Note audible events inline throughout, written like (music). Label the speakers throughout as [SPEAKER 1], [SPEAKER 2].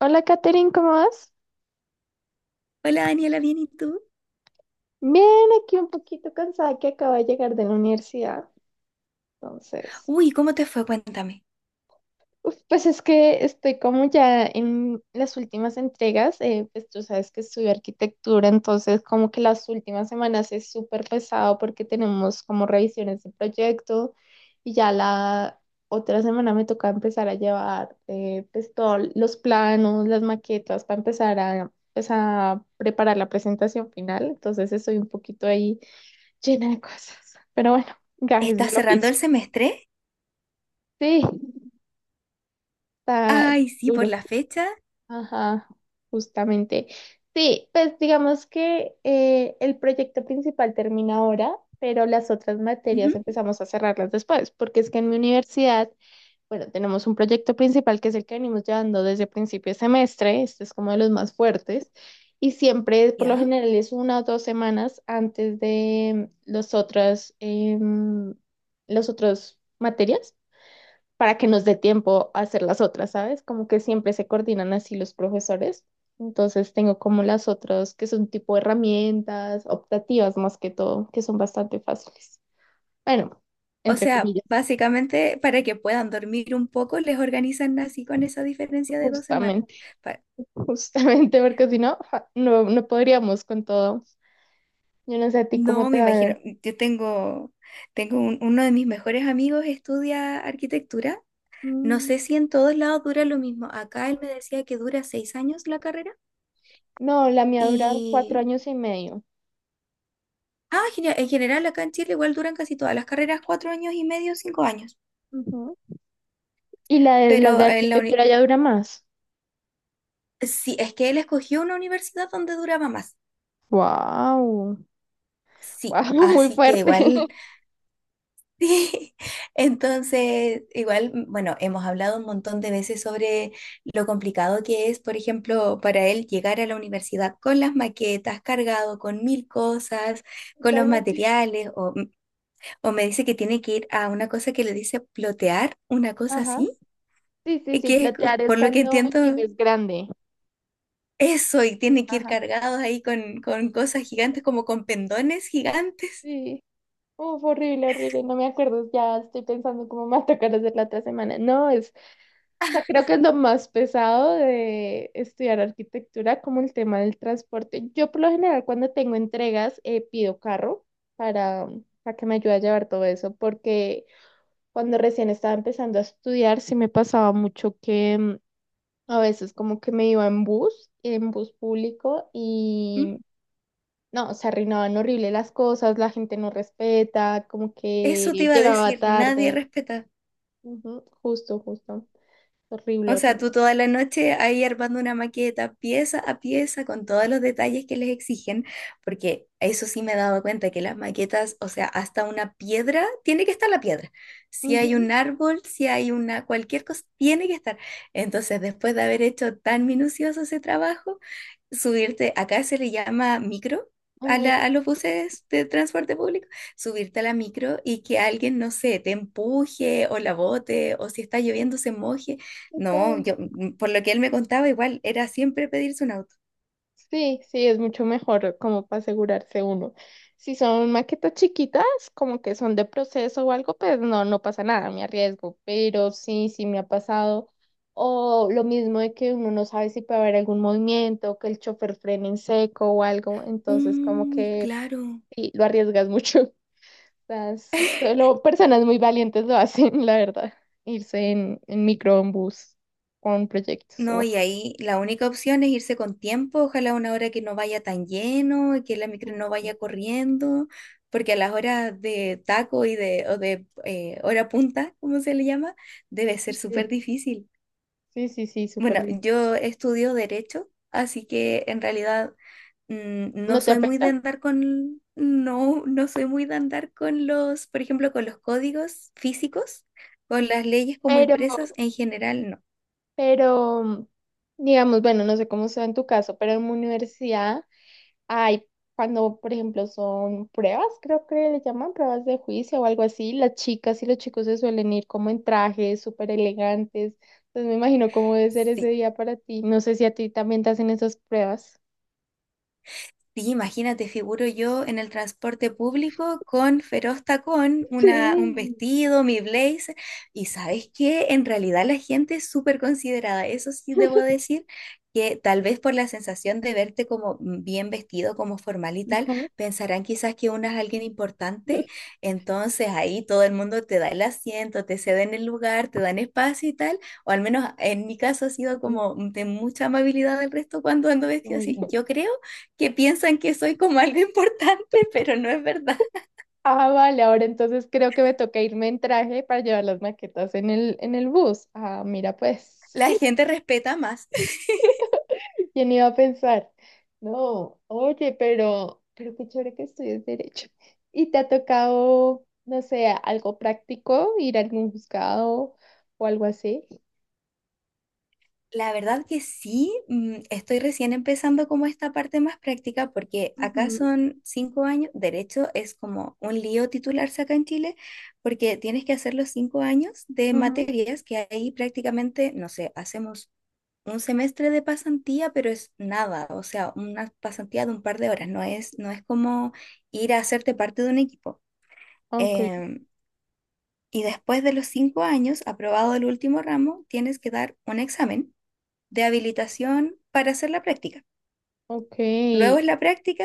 [SPEAKER 1] Hola, Katherine, ¿cómo vas?
[SPEAKER 2] Hola Daniela, ¿bien y tú?
[SPEAKER 1] Bien, aquí un poquito cansada que acabo de llegar de la universidad. Entonces,
[SPEAKER 2] Uy, ¿cómo te fue? Cuéntame.
[SPEAKER 1] uf, pues es que estoy como ya en las últimas entregas. Pues tú sabes que estudio arquitectura, entonces como que las últimas semanas es súper pesado porque tenemos como revisiones de proyecto y ya la otra semana me toca empezar a llevar pues todos los planos, las maquetas para empezar a, pues, a preparar la presentación final. Entonces estoy un poquito ahí llena de cosas. Pero bueno, gajes
[SPEAKER 2] ¿Estás
[SPEAKER 1] del
[SPEAKER 2] cerrando el
[SPEAKER 1] oficio.
[SPEAKER 2] semestre?
[SPEAKER 1] Sí, está
[SPEAKER 2] Ay, sí, por
[SPEAKER 1] duro.
[SPEAKER 2] la fecha.
[SPEAKER 1] Ajá, justamente. Sí, pues digamos que el proyecto principal termina ahora, pero las otras materias
[SPEAKER 2] Ujú.
[SPEAKER 1] empezamos a cerrarlas después, porque es que en mi universidad, bueno, tenemos un proyecto principal que es el que venimos llevando desde principio de semestre, este es como de los más fuertes, y siempre, por lo
[SPEAKER 2] ¿Ya?
[SPEAKER 1] general, es una o dos semanas antes de los otras, los otros materias, para que nos dé tiempo a hacer las otras, ¿sabes? Como que siempre se coordinan así los profesores. Entonces tengo como las otras que son tipo herramientas optativas más que todo, que son bastante fáciles. Bueno,
[SPEAKER 2] O
[SPEAKER 1] entre
[SPEAKER 2] sea,
[SPEAKER 1] comillas,
[SPEAKER 2] básicamente para que puedan dormir un poco, les organizan así con esa diferencia de 2 semanas.
[SPEAKER 1] justamente
[SPEAKER 2] Pa-
[SPEAKER 1] justamente porque si no, ja, no, no podríamos con todo. Yo no sé a ti cómo
[SPEAKER 2] No,
[SPEAKER 1] te
[SPEAKER 2] me imagino.
[SPEAKER 1] va.
[SPEAKER 2] Yo tengo uno de mis mejores amigos estudia arquitectura. No sé
[SPEAKER 1] Mm,
[SPEAKER 2] si en todos lados dura lo mismo. Acá él me decía que dura 6 años la carrera.
[SPEAKER 1] no, la mía dura 4 años y medio.
[SPEAKER 2] Ah, genial. En general, acá en Chile igual duran casi todas las carreras 4 años y medio, 5 años.
[SPEAKER 1] Ujú. Y la de, las de
[SPEAKER 2] Pero en la uni-
[SPEAKER 1] arquitectura ya dura más.
[SPEAKER 2] sí, es que él escogió una universidad donde duraba más.
[SPEAKER 1] Wow,
[SPEAKER 2] Sí,
[SPEAKER 1] wow, (laughs) muy
[SPEAKER 2] así que
[SPEAKER 1] fuerte.
[SPEAKER 2] igual,
[SPEAKER 1] (laughs)
[SPEAKER 2] (laughs) sí. Entonces, igual, bueno, hemos hablado un montón de veces sobre lo complicado que es, por ejemplo, para él llegar a la universidad con las maquetas, cargado con mil cosas, con los
[SPEAKER 1] Totalmente.
[SPEAKER 2] materiales, o me dice que tiene que ir a una cosa que le dice plotear, una cosa
[SPEAKER 1] Ajá.
[SPEAKER 2] así.
[SPEAKER 1] Sí, sí,
[SPEAKER 2] Y
[SPEAKER 1] sí,
[SPEAKER 2] que es,
[SPEAKER 1] platear es
[SPEAKER 2] por lo que
[SPEAKER 1] cuando
[SPEAKER 2] entiendo,
[SPEAKER 1] imprimes grande.
[SPEAKER 2] eso, y tiene que ir
[SPEAKER 1] Ajá.
[SPEAKER 2] cargados ahí con cosas gigantes, como con pendones gigantes.
[SPEAKER 1] Sí. Uf, horrible, horrible. No me acuerdo. Ya estoy pensando cómo me va a tocar hacer la otra semana. No, es, o sea, creo que es lo más pesado de estudiar arquitectura, como el tema del transporte. Yo por lo general cuando tengo entregas pido carro para, para que me ayude a llevar todo eso, porque cuando recién estaba empezando a estudiar sí me pasaba mucho que a veces como que me iba en bus público
[SPEAKER 2] Mm.
[SPEAKER 1] y no, se arruinaban horrible las cosas, la gente no respeta, como que
[SPEAKER 2] Eso te iba a
[SPEAKER 1] llegaba
[SPEAKER 2] decir, nadie
[SPEAKER 1] tarde.
[SPEAKER 2] respeta.
[SPEAKER 1] Ujú, justo, justo. Horrible,
[SPEAKER 2] O sea,
[SPEAKER 1] horrible.
[SPEAKER 2] tú toda la noche ahí armando una maqueta pieza a pieza con todos los detalles que les exigen, porque eso sí me he dado cuenta que las maquetas, o sea, hasta una piedra, tiene que estar la piedra. Si hay
[SPEAKER 1] Ujú,
[SPEAKER 2] un árbol, si hay una cualquier cosa, tiene que estar. Entonces, después de haber hecho tan minucioso ese trabajo, subirte, acá se le llama micro. A, la-
[SPEAKER 1] ujú.
[SPEAKER 2] a los buses de transporte público, subirte a la micro y que alguien, no sé, te empuje o la bote o si está lloviendo se moje. No,
[SPEAKER 1] Total.
[SPEAKER 2] por lo que él me contaba, igual era siempre pedirse un auto.
[SPEAKER 1] Sí, sí, es mucho mejor como para asegurarse uno. Si son maquetas chiquitas, como que son de proceso o algo, pues no, no pasa nada, me arriesgo. Pero sí, sí me ha pasado. O lo mismo de que uno no sabe si puede haber algún movimiento, que el chofer frene en seco o algo. Entonces, como
[SPEAKER 2] Uy,
[SPEAKER 1] que
[SPEAKER 2] claro.
[SPEAKER 1] sí, lo arriesgas mucho. (laughs) Las, solo personas muy valientes lo hacen, la verdad. Irse en micro, en bus, con proyectos.
[SPEAKER 2] No,
[SPEAKER 1] O
[SPEAKER 2] y ahí la única opción es irse con tiempo, ojalá a una hora que no vaya tan lleno y que la micro no vaya corriendo, porque a las horas de taco y de hora punta, como se le llama, debe ser súper
[SPEAKER 1] sí.
[SPEAKER 2] difícil.
[SPEAKER 1] Sí, sí, sí, súper.
[SPEAKER 2] Bueno, yo estudio derecho, así que en realidad no
[SPEAKER 1] No te
[SPEAKER 2] soy muy de
[SPEAKER 1] afecta,
[SPEAKER 2] andar no, no soy muy de andar con los, por ejemplo, con los códigos físicos, con las leyes como
[SPEAKER 1] pero,
[SPEAKER 2] impresas en general, no.
[SPEAKER 1] pero, digamos, bueno, no sé cómo sea en tu caso, pero en mi universidad hay, cuando, por ejemplo, son pruebas, creo que le llaman pruebas de juicio o algo así, las chicas y los chicos se suelen ir como en trajes súper elegantes, entonces me imagino cómo debe ser ese
[SPEAKER 2] Sí.
[SPEAKER 1] día para ti, no sé si a ti también te hacen esas pruebas.
[SPEAKER 2] Sí, imagínate, figuro yo en el transporte público con feroz tacón, un
[SPEAKER 1] Sí.
[SPEAKER 2] vestido, mi blazer. Y sabes que en realidad la gente es súper considerada. Eso sí debo decir que tal vez por la sensación de verte como bien vestido, como formal y tal,
[SPEAKER 1] Ajá.
[SPEAKER 2] pensarán quizás que uno es alguien importante.
[SPEAKER 1] (laughs)
[SPEAKER 2] Entonces ahí todo el mundo te da el asiento, te ceden el lugar, te dan espacio y tal. O al menos en mi caso ha sido
[SPEAKER 1] Sí,
[SPEAKER 2] como de mucha amabilidad del resto cuando ando vestido así.
[SPEAKER 1] bueno.
[SPEAKER 2] Yo creo que piensan que soy como algo (laughs) importante, pero no es verdad.
[SPEAKER 1] Ah, vale, ahora entonces creo que me toca irme en traje para llevar las maquetas en el bus. Ah, mira pues.
[SPEAKER 2] La gente respeta más. (laughs)
[SPEAKER 1] ¿Quién iba a pensar? No, oye, pero qué chévere que estudies derecho. ¿Y te ha tocado, no sé, algo práctico, ir a algún juzgado o algo así?
[SPEAKER 2] La verdad que sí, estoy recién empezando como esta parte más práctica porque acá
[SPEAKER 1] Ujú,
[SPEAKER 2] son 5 años, derecho es como un lío titularse acá en Chile porque tienes que hacer los 5 años de
[SPEAKER 1] ujú.
[SPEAKER 2] materias que ahí prácticamente, no sé, hacemos un semestre de pasantía, pero es nada, o sea, una pasantía de un par de horas, no es como ir a hacerte parte de un equipo.
[SPEAKER 1] Ok,
[SPEAKER 2] Em, Y después de los 5 años, aprobado el último ramo, tienes que dar un examen de habilitación para hacer la práctica.
[SPEAKER 1] ok,
[SPEAKER 2] Luego es la práctica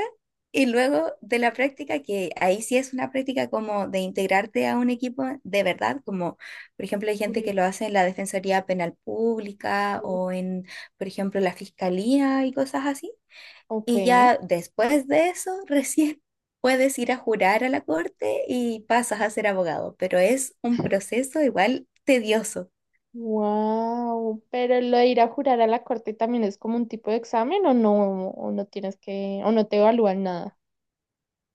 [SPEAKER 2] y luego de la práctica, que ahí sí es una práctica como de integrarte a un equipo de verdad, como por ejemplo hay gente que
[SPEAKER 1] correcto.
[SPEAKER 2] lo hace en la Defensoría Penal Pública o en, por ejemplo, la Fiscalía y cosas así.
[SPEAKER 1] Ok.
[SPEAKER 2] Y ya después de eso, (laughs) recién puedes ir a jurar a la corte y pasas a ser abogado, pero es un proceso igual tedioso.
[SPEAKER 1] Wow, pero lo de ir a jurar a la corte también es como un tipo de examen o no tienes que, o no te evalúan nada.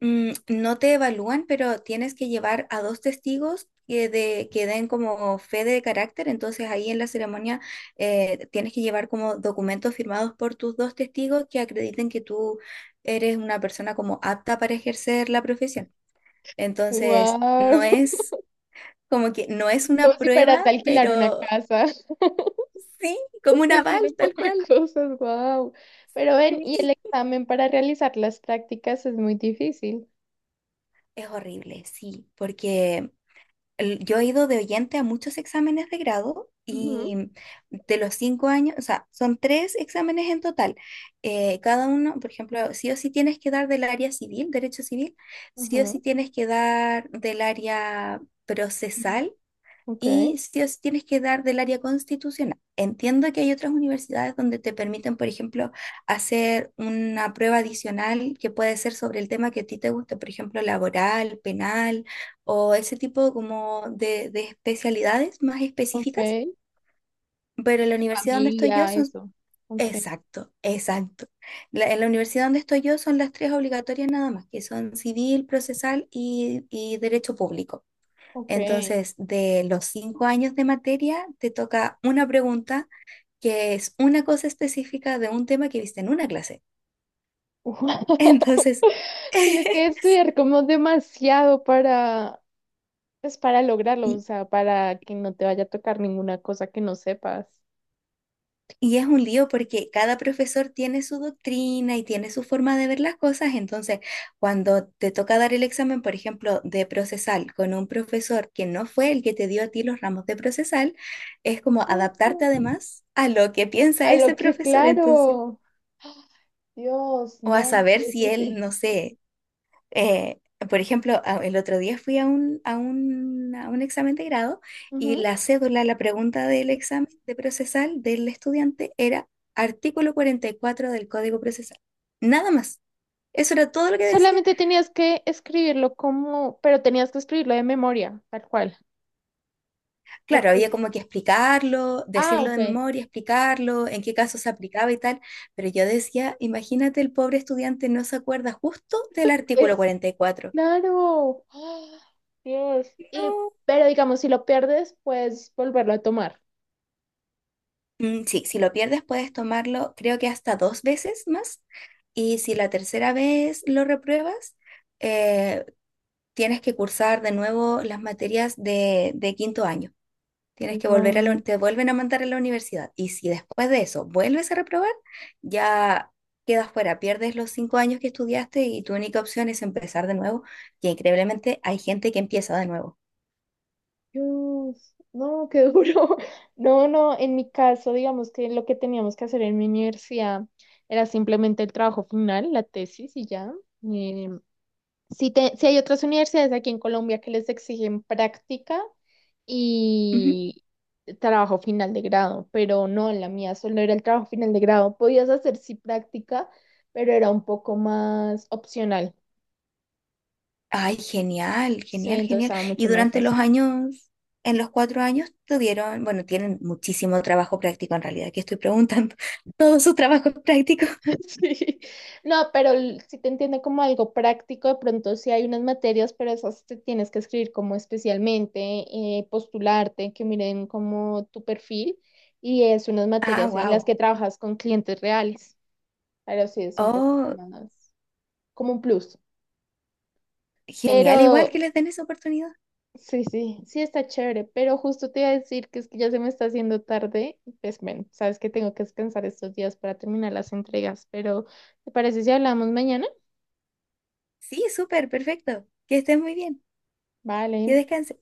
[SPEAKER 2] Mm, no te evalúan, pero tienes que llevar a dos testigos que den como fe de carácter, entonces ahí en la ceremonia tienes que llevar como documentos firmados por tus dos testigos que acrediten que tú eres una persona como apta para ejercer la profesión. Entonces, no
[SPEAKER 1] Wow, (laughs)
[SPEAKER 2] es como que no es una
[SPEAKER 1] como si
[SPEAKER 2] prueba,
[SPEAKER 1] fueras a alquilar una
[SPEAKER 2] pero
[SPEAKER 1] casa.
[SPEAKER 2] sí, como una bal,
[SPEAKER 1] Definir un
[SPEAKER 2] tal
[SPEAKER 1] poco de
[SPEAKER 2] cual.
[SPEAKER 1] cosas, wow. Pero ven,
[SPEAKER 2] Sí.
[SPEAKER 1] y el examen para realizar las prácticas es muy difícil.
[SPEAKER 2] Es horrible, sí, porque yo he ido de oyente a muchos exámenes de grado
[SPEAKER 1] Ujú,
[SPEAKER 2] y de los 5 años, o sea, son tres exámenes en total. Cada uno, por ejemplo, sí o sí tienes que dar del área civil, derecho civil, sí o
[SPEAKER 1] ajá.
[SPEAKER 2] sí tienes que dar del área
[SPEAKER 1] Mm.
[SPEAKER 2] procesal
[SPEAKER 1] Ok,
[SPEAKER 2] y sí os tienes que dar del área constitucional. Entiendo que hay otras universidades donde te permiten, por ejemplo, hacer una prueba adicional que puede ser sobre el tema que a ti te guste, por ejemplo, laboral, penal o ese tipo como de especialidades más específicas,
[SPEAKER 1] ok.
[SPEAKER 2] pero en la universidad donde estoy yo
[SPEAKER 1] Familia,
[SPEAKER 2] son...
[SPEAKER 1] eso. Ok,
[SPEAKER 2] Exacto, exacto. En la universidad donde estoy yo son las tres obligatorias nada más, que son civil, procesal y derecho público.
[SPEAKER 1] ok.
[SPEAKER 2] Entonces, de los 5 años de materia, te toca una pregunta que es una cosa específica de un tema que viste en una clase.
[SPEAKER 1] Wow. (laughs)
[SPEAKER 2] Entonces, (laughs)
[SPEAKER 1] Tienes que estudiar como demasiado para, pues para lograrlo, o
[SPEAKER 2] y,
[SPEAKER 1] sea, para que no te vaya a tocar ninguna cosa que no sepas.
[SPEAKER 2] y es un lío porque cada profesor tiene su doctrina y tiene su forma de ver las cosas. Entonces, cuando te toca dar el examen, por ejemplo, de procesal con un profesor que no fue el que te dio a ti los ramos de procesal, es como
[SPEAKER 1] Ah,
[SPEAKER 2] adaptarte además a lo que piensa
[SPEAKER 1] a
[SPEAKER 2] ese
[SPEAKER 1] lo que,
[SPEAKER 2] profesor. Entonces,
[SPEAKER 1] claro. Dios,
[SPEAKER 2] o a
[SPEAKER 1] no, qué
[SPEAKER 2] saber si él,
[SPEAKER 1] difícil.
[SPEAKER 2] no sé. Eh, por ejemplo, el otro día fui a un examen de grado y la cédula, la pregunta del examen de procesal del estudiante era artículo 44 del Código Procesal. Nada más. Eso era todo lo que decía.
[SPEAKER 1] Solamente tenías que escribirlo como, pero tenías que escribirlo de memoria, tal cual.
[SPEAKER 2] Claro,
[SPEAKER 1] Ok.
[SPEAKER 2] había como que explicarlo,
[SPEAKER 1] Ah,
[SPEAKER 2] decirlo
[SPEAKER 1] ok.
[SPEAKER 2] de memoria, explicarlo, en qué casos se aplicaba y tal, pero yo decía, imagínate, el pobre estudiante no se acuerda justo del artículo
[SPEAKER 1] Es,
[SPEAKER 2] 44.
[SPEAKER 1] claro. ¡Ah! Dios. Y,
[SPEAKER 2] No,
[SPEAKER 1] pero digamos, si lo pierdes, puedes volverlo a tomar.
[SPEAKER 2] Sí, si lo pierdes puedes tomarlo creo que hasta dos veces más y si la tercera vez lo repruebas, eh, tienes que cursar de nuevo las materias de quinto año. Tienes que volver a
[SPEAKER 1] Wow.
[SPEAKER 2] te vuelven a mandar a la universidad y si después de eso vuelves a reprobar, ya quedas fuera, pierdes los 5 años que estudiaste y tu única opción es empezar de nuevo, que increíblemente hay gente que empieza de nuevo.
[SPEAKER 1] Dios. No, qué duro. (laughs) No, no, en mi caso, digamos que lo que teníamos que hacer en mi universidad era simplemente el trabajo final, la tesis y ya. Eh, Si, te- si hay otras universidades aquí en Colombia que les exigen práctica y trabajo final de grado, pero no, en la mía solo era el trabajo final de grado. Podías hacer sí práctica, pero era un poco más opcional.
[SPEAKER 2] Ay, genial,
[SPEAKER 1] Sí,
[SPEAKER 2] genial,
[SPEAKER 1] entonces
[SPEAKER 2] genial.
[SPEAKER 1] estaba
[SPEAKER 2] Y
[SPEAKER 1] mucho más
[SPEAKER 2] durante los
[SPEAKER 1] fácil.
[SPEAKER 2] años, en los 4 años, tuvieron, bueno, tienen muchísimo trabajo práctico en realidad, que estoy preguntando, (laughs) todo su trabajo práctico.
[SPEAKER 1] (laughs) Sí. No, pero l- sí te entiende como algo práctico, de pronto sí hay unas materias, pero esas te tienes que escribir como especialmente, postularte, que miren como tu perfil y es unas
[SPEAKER 2] Ah,
[SPEAKER 1] materias en las
[SPEAKER 2] wow.
[SPEAKER 1] que trabajas con clientes reales, pero sí es un poquito
[SPEAKER 2] Oh,
[SPEAKER 1] más como un plus,
[SPEAKER 2] genial, igual que
[SPEAKER 1] pero
[SPEAKER 2] les den esa oportunidad.
[SPEAKER 1] sí, sí, sí está chévere, pero justo te iba a decir que es que ya se me está haciendo tarde, pues bueno, sabes que tengo que descansar estos días para terminar las entregas, pero ¿te parece si hablamos mañana?
[SPEAKER 2] Sí, súper, perfecto. Que estés muy bien,
[SPEAKER 1] Vale.
[SPEAKER 2] que descanses.